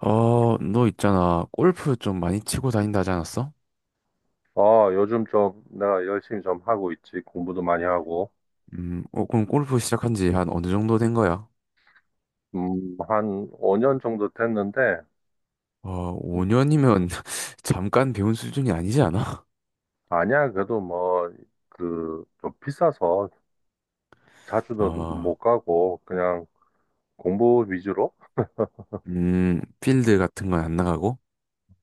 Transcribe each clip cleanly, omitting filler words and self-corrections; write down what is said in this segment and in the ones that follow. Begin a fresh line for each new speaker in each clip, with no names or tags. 너 있잖아. 골프 좀 많이 치고 다닌다 하지 않았어?
어, 요즘 좀 내가 열심히 좀 하고 있지. 공부도 많이 하고.
그럼 골프 시작한 지 한 어느 정도 된 거야?
한 5년 정도 됐는데,
어, 5년이면 잠깐 배운 수준이 아니지 않아?
아니야. 그래도 뭐, 그, 좀 비싸서 자주는
어,
못 가고, 그냥 공부 위주로?
필드 같은 건 안 나가고?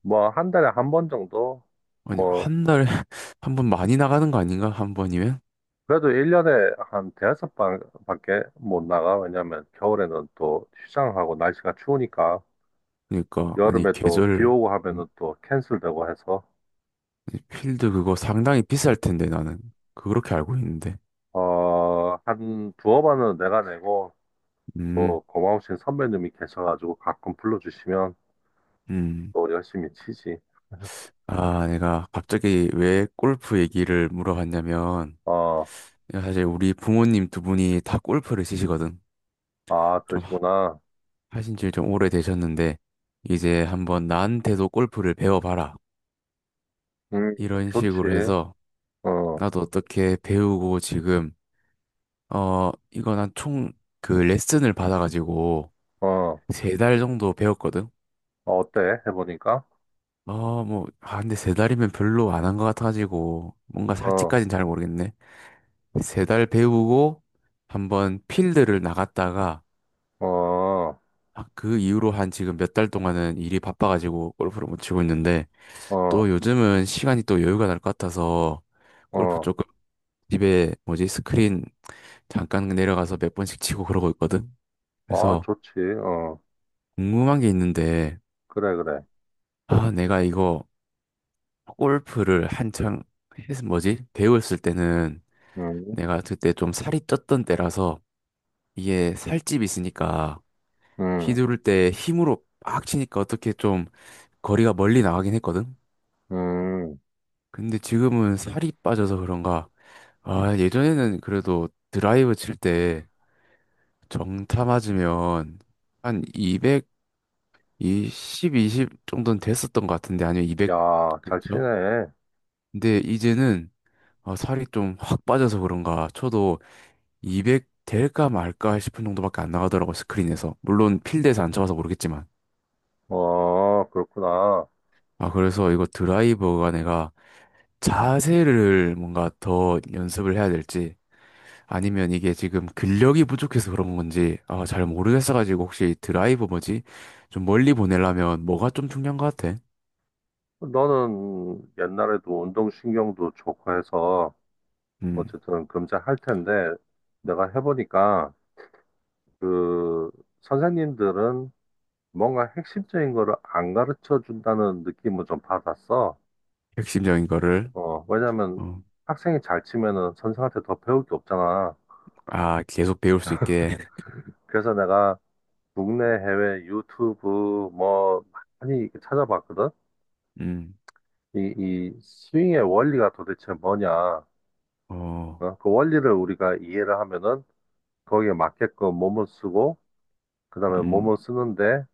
뭐, 한 달에 한 번 정도?
아니,
뭐,
한 달에 한 번 많이 나가는 거 아닌가? 한 번이면?
그래도 1년에 한 대여섯 번 밖에 못 나가. 왜냐면 겨울에는 또 휴장하고 날씨가 추우니까,
그러니까, 아니,
여름에 또 비
계절.
오고 하면은 또 캔슬되고 해서,
아니, 필드 그거 상당히 비쌀 텐데, 나는. 그렇게 알고 있는데.
어, 한 두어 번은 내가 내고,
음.
또 고마우신 선배님이 계셔가지고 가끔 불러주시면
음.
또 열심히 치지.
아, 내가 갑자기 왜 골프 얘기를 물어봤냐면,
어,
야, 사실 우리 부모님 두 분이 다 골프를 치시거든.
아,
좀
그러시구나.
하신 지 좀 오래되셨는데, 이제 한번 나한테도 골프를 배워봐라.
음,
이런 식으로
좋지.
해서,
어,
나도 어떻게 배우고 지금, 이거 난 총 그 레슨을 받아가지고,
어,
세 달 정도 배웠거든.
어때? 해보니까?
뭐, 아, 근데 세 달이면 별로 안 한 것 같아가지고, 뭔가 사치
어,
까진 잘 모르겠네. 세 달 배우고, 한번 필드를 나갔다가,
어,
아, 그 이후로 한 지금 몇 달 동안은 일이 바빠가지고 골프를 못 치고 있는데 또
어,
요즘은 시간이 또 여유가 날 것 같아서 골프
어,
조금 집에 뭐지 스크린 잠깐 내려가서 몇 번씩 치고 그러고 있거든.
아,
그래서
좋지. 어,
궁금한 게 있는데
그래, 그래.
아 내가 이거 골프를 한창 했 뭐지 배웠을 때는
음,
내가 그때 좀 살이 쪘던 때라서 이게 살집이 있으니까
음,
휘두를 때 힘으로 빡 치니까 어떻게 좀 거리가 멀리 나가긴 했거든.
음.
근데 지금은 살이 빠져서 그런가? 아, 예전에는 그래도 드라이브 칠 때 정타 맞으면 한 220, 20 정도는 됐었던 것 같은데 아니면 200.
야, 잘
그쵸?
치네.
근데 이제는 아, 살이 좀 확 빠져서 그런가 쳐도 200 될까 말까 싶은 정도밖에 안 나가더라고. 스크린에서. 물론 필드에서 안 쳐봐서 모르겠지만
어, 그렇구나.
아 그래서 이거 드라이버가 내가 자세를 뭔가 더 연습을 해야 될지 아니면 이게 지금 근력이 부족해서 그런 건지 아, 잘 모르겠어가지고 혹시 드라이브 뭐지? 좀 멀리 보내려면 뭐가 좀 중요한 것 같아?
너는 옛날에도 운동신경도 좋고 해서
음,
어쨌든 금잘 할 텐데, 내가 해보니까 그 선생님들은 뭔가 핵심적인 거를 안 가르쳐 준다는 느낌을 좀 받았어.
핵심적인 거를.
어, 왜냐면
어,
학생이 잘 치면은 선생한테 더 배울 게 없잖아.
아 계속 배울 수 있게.
그래서 내가 국내 해외 유튜브 뭐 많이 이렇게 찾아봤거든.
음.
이 스윙의 원리가 도대체 뭐냐.
어.
어, 그 원리를 우리가 이해를 하면은 거기에 맞게끔 몸을 쓰고, 그다음에
음.
몸을 쓰는데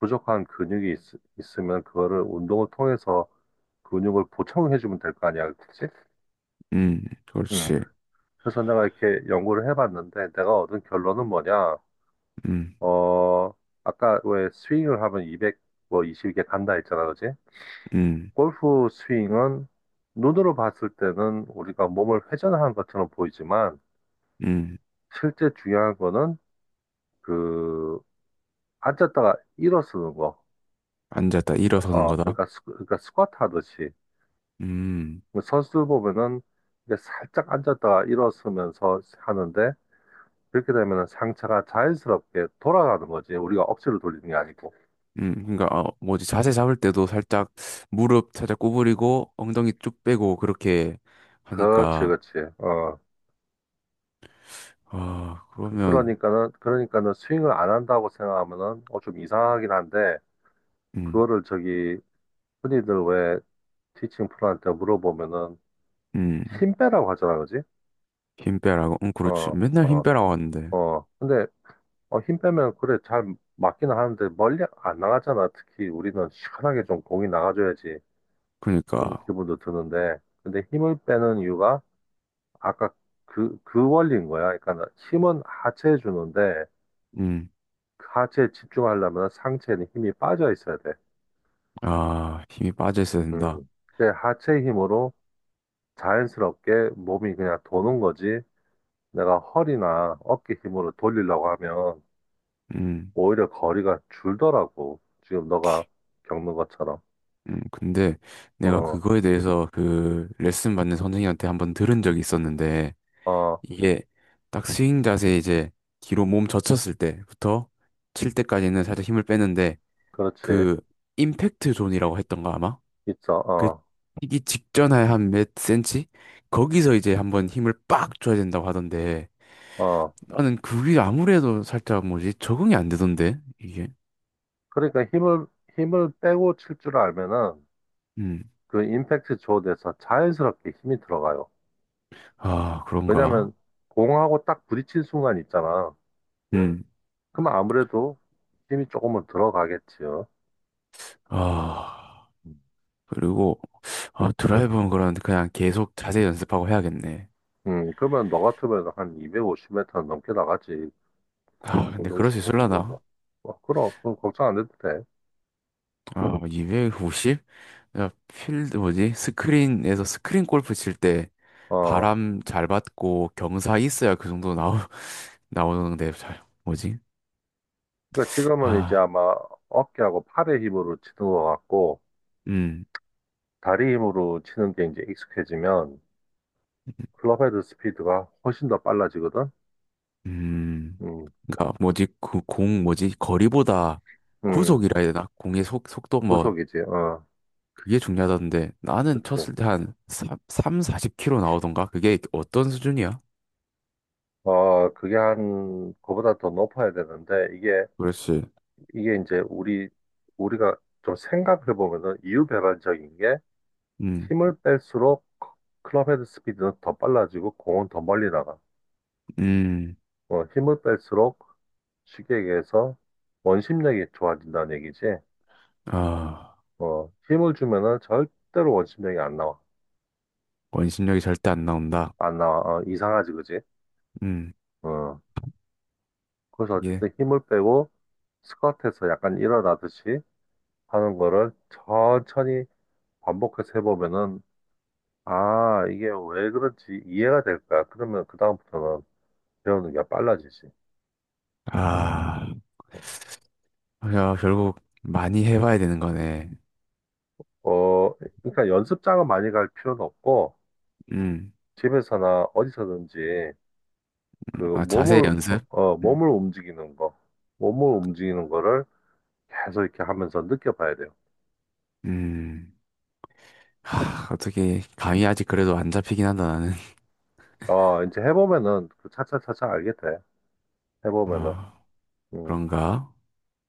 부족한 근육이 있으면 그거를 운동을 통해서 근육을 보충해주면 될 거 아니야, 그치?
음.
음.
그렇지.
그래서 내가 이렇게 연구를 해봤는데, 내가 얻은 결론은 뭐냐,
음.
어, 아까 왜 스윙을 하면 200, 뭐 20개 간다 했잖아, 그치?
음.
골프 스윙은 눈으로 봤을 때는 우리가 몸을 회전하는 것처럼 보이지만,
음.
실제 중요한 거는 그, 앉았다가 일어서는 거.
앉았다 일어서는
어,
거다.
그러니까, 그러니까 스쿼트 하듯이.
음.
선수들 보면은 이게 살짝 앉았다가 일어서면서 하는데, 그렇게 되면 상처가 자연스럽게 돌아가는 거지. 우리가 억지로 돌리는 게 아니고.
음. 그러니까 뭐지 자세 잡을 때도 살짝 무릎 살짝 구부리고 엉덩이 쭉 빼고 그렇게
그렇지,
하니까.
그렇지. 어.
아
그-
그러면.
그러니까는, 그러니까는 스윙을 안 한다고 생각하면은, 어, 좀 이상하긴 한데,
음.
그거를 저기, 흔히들 왜 티칭 프로한테 물어보면은,
음.
힘 빼라고 하잖아, 그지?
힘 빼라고? 응, 그렇지.
어,
맨날 힘
어,
빼라고 하는데.
어. 근데, 어, 힘 빼면, 그래, 잘 맞기는 하는데, 멀리 안 나가잖아. 특히 우리는 시원하게 좀 공이 나가줘야지. 그런
그러니까.
기분도 드는데, 근데 힘을 빼는 이유가, 아까 그 원리인 거야. 그러니까 힘은 하체에 주는데,
음.
그 하체에 집중하려면 상체에는 힘이 빠져 있어야 돼.
아, 힘이 빠져 있어야 된다.
음. 근데 하체 힘으로 자연스럽게 몸이 그냥 도는 거지. 내가 허리나 어깨 힘으로 돌리려고 하면
음.
오히려 거리가 줄더라고. 지금 너가 겪는 것처럼.
음. 근데 내가
어,
그거에 대해서 그 레슨 받는 선생님한테 한번 들은 적이 있었는데,
어,
이게 딱 스윙 자세 이제 뒤로 몸 젖혔을 때부터 칠 때까지는 살짝 힘을 빼는데,
그렇지.
그 임팩트 존이라고 했던가 아마? 그
있어.
튀기 직전에 한 몇 센치? 거기서 이제 한번 힘을 빡 줘야 된다고 하던데,
어, 어.
나는 그게 아무래도 살짝 뭐지 적응이 안 되던데 이게.
그러니까 힘을 빼고 칠 줄 알면은
음.
그 임팩트 조드에서 자연스럽게 힘이 들어가요.
아 그런가.
왜냐면 공하고 딱 부딪힌 순간 있잖아.
음.
그럼 아무래도 힘이 조금은 들어가겠지요.
아
음.
그리고 아 드라이브는 그런데 그냥 계속 자세히 연습하고 해야겠네.
그러면 너 같으면 한 250m 넘게 나가지.
아 근데 그럴 수
운동신경도 좋은데.
있을라나.
어, 그럼, 그럼 걱정 안 해도 돼.
아 250? 야 필드 뭐지 스크린에서 스크린 골프 칠 때
어,
바람 잘 받고 경사 있어야 그 정도 나오 나오는데 잘 뭐지
그러니까 지금은 이제
아
아마 어깨하고 팔의 힘으로 치는 것 같고,
음
다리 힘으로 치는 게 이제 익숙해지면 클럽헤드 스피드가 훨씬 더 빨라지거든.
음
음,
그니까 뭐지 그 공 뭐지 거리보다
음,
구속이라 해야 되나 공의 속 속도 뭐
구속이지. 어,
그게 중요하던데 나는
그치.
쳤을 때 한 3, 40 킬로 나오던가 그게 어떤 수준이야?
어, 그게 한, 그보다 더 높아야 되는데, 이게,
그렇지.
이게 이제 우리가 좀 생각해 보면은 이유배반적인 게
음.
힘을 뺄수록 클럽 헤드 스피드는 더 빨라지고 공은 더 멀리 나가.
음.
어, 힘을 뺄수록 쉽게 얘기해서 원심력이 좋아진다는 얘기지.
아,
어, 힘을 주면은 절대로 원심력이 안 나와.
원심력이 절대 안 나온다.
안 나와. 어, 이상하지, 그지?
음.
어, 그래서
예.
어쨌든 힘을 빼고 스쿼트에서 약간 일어나듯이 하는 거를 천천히 반복해서 해보면은, 아, 이게 왜 그런지 이해가 될 거야. 그러면 그다음부터는 배우는 게 빨라지지.
아, 야, 결국 많이 해봐야 되는 거네.
어, 그러니까 연습장은 많이 갈 필요는 없고,
음.
집에서나 어디서든지 그
아, 자세
몸을, 어,
연습?
어,
음.
몸을 움직이는 거를 계속 이렇게 하면서 느껴봐야 돼요.
음. 하, 어떻게 감이 아직 그래도 안 잡히긴 한다 나는.
어, 이제 해보면은 그 차차차차 알게 돼. 해보면은.
아,
음.
그런가?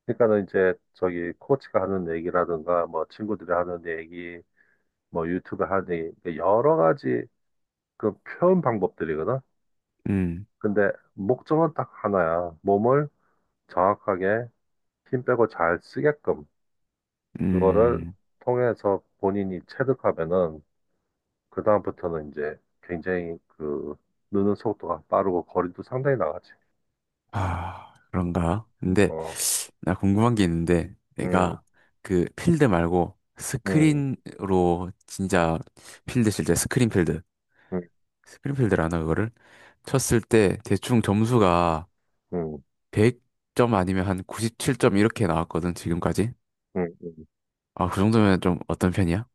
그러니까는 이제 저기 코치가 하는 얘기라든가 뭐 친구들이 하는 얘기, 뭐 유튜브 하는 얘기, 여러 가지 그 표현 방법들이거든.
음.
근데 목적은 딱 하나야. 몸을 정확하게 힘 빼고 잘 쓰게끔 그거를
음,
통해서 본인이 체득하면은 그다음부터는 이제 굉장히 그 느는 속도가 빠르고 거리도 상당히 나가지.
아, 그런가? 근데
어,
나 궁금한 게 있는데
음,
내가 그 필드 말고
음,
스크린으로 진짜 필드 칠 때
음,
스크린 필드라나 그거를 쳤을 때 대충 점수가
음,
100점 아니면 한 97점 이렇게 나왔거든, 지금까지.
음.
아, 그 정도면 좀 어떤 편이야?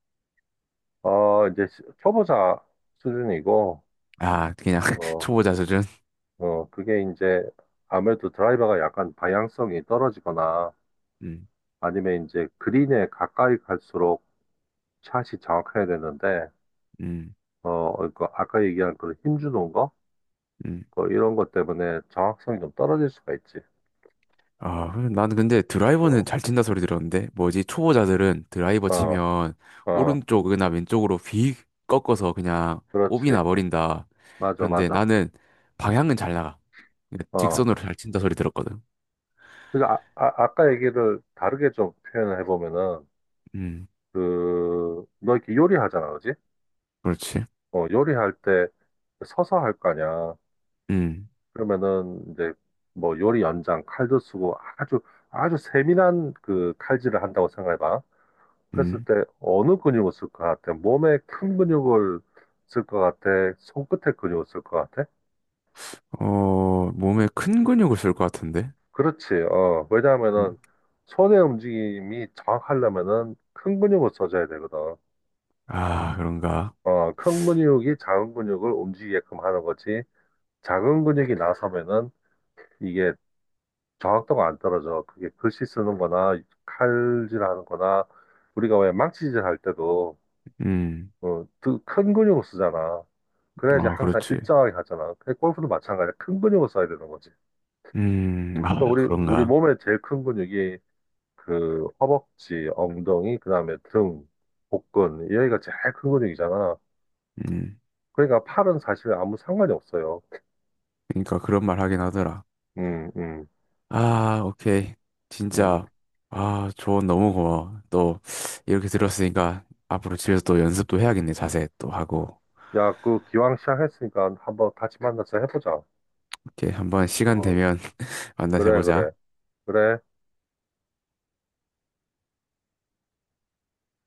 어, 이제 초보자 수준이고,
아, 그냥
어,
초보자 수준?
어, 그게 이제 아무래도 드라이버가 약간 방향성이 떨어지거나
음.
아니면 이제 그린에 가까이 갈수록 샷이 정확해야 되는데,
음.
어, 그 아까 얘기한 그런 힘주는 거?
음.
뭐 이런 것 때문에 정확성이 좀 떨어질 수가 있지.
아, 그래. 나는 근데 드라이버는
어,
잘 친다 소리 들었는데, 뭐지, 초보자들은 드라이버
어,
치면
어,
오른쪽이나 왼쪽으로 휙 꺾어서 그냥 오비
그렇지.
나버린다.
맞아,
그런데
맞아.
나는 방향은 잘 나가. 그러니까
어.
직선으로 잘 친다 소리 들었거든.
그러니까 아까 얘기를 다르게 좀 표현을 해보면은,
음,
그, 너 이렇게 요리하잖아, 그지?
그렇지.
어, 요리할 때 서서 할 거 아니야.
음.
그러면은 이제 뭐 요리 연장 칼도 쓰고 아주 아주 세밀한 그 칼질을 한다고 생각해봐. 했을
음.
때 어느 근육을 쓸 것 같아? 몸에 큰 근육을 쓸 것 같아? 손끝에 근육을 쓸 것 같아?
어, 몸에 큰 근육을 쓸 것 같은데?
그렇지. 어, 왜냐하면은
음.
손의 움직임이 정확하려면은 큰 근육을 써줘야 되거든.
아, 그런가?
어, 큰 근육이 작은 근육을 움직이게끔 하는 거지. 작은 근육이 나서면은 이게 정확도가 안 떨어져. 그게 글씨 쓰는 거나 칼질하는 거나 우리가 왜 망치질 할 때도
음.
어, 그 큰 근육을 쓰잖아. 그래야지
아,
항상
그렇지.
일정하게 가잖아. 그 골프도 마찬가지야. 큰 근육을 써야 되는 거지.
음.
그러니까
아,
우리
그런가?
몸의 제일 큰 근육이 그 허벅지, 엉덩이, 그다음에 등, 복근 여기가 제일 큰 근육이잖아.
음.
그러니까 팔은 사실 아무 상관이 없어요.
그러니까 그런 말 하긴 하더라.
음, 음,
아, 오케이.
음.
진짜. 아, 조언 너무 고마워. 또, 이렇게 들었으니까, 앞으로 집에서 또 연습도 해야겠네. 자세 또 하고.
야, 그 기왕 시작했으니까 한번 같이 만나서 해보자.
이렇게 한번 시간
어,
되면 만나서
그래,
해보자.
그래, 그래.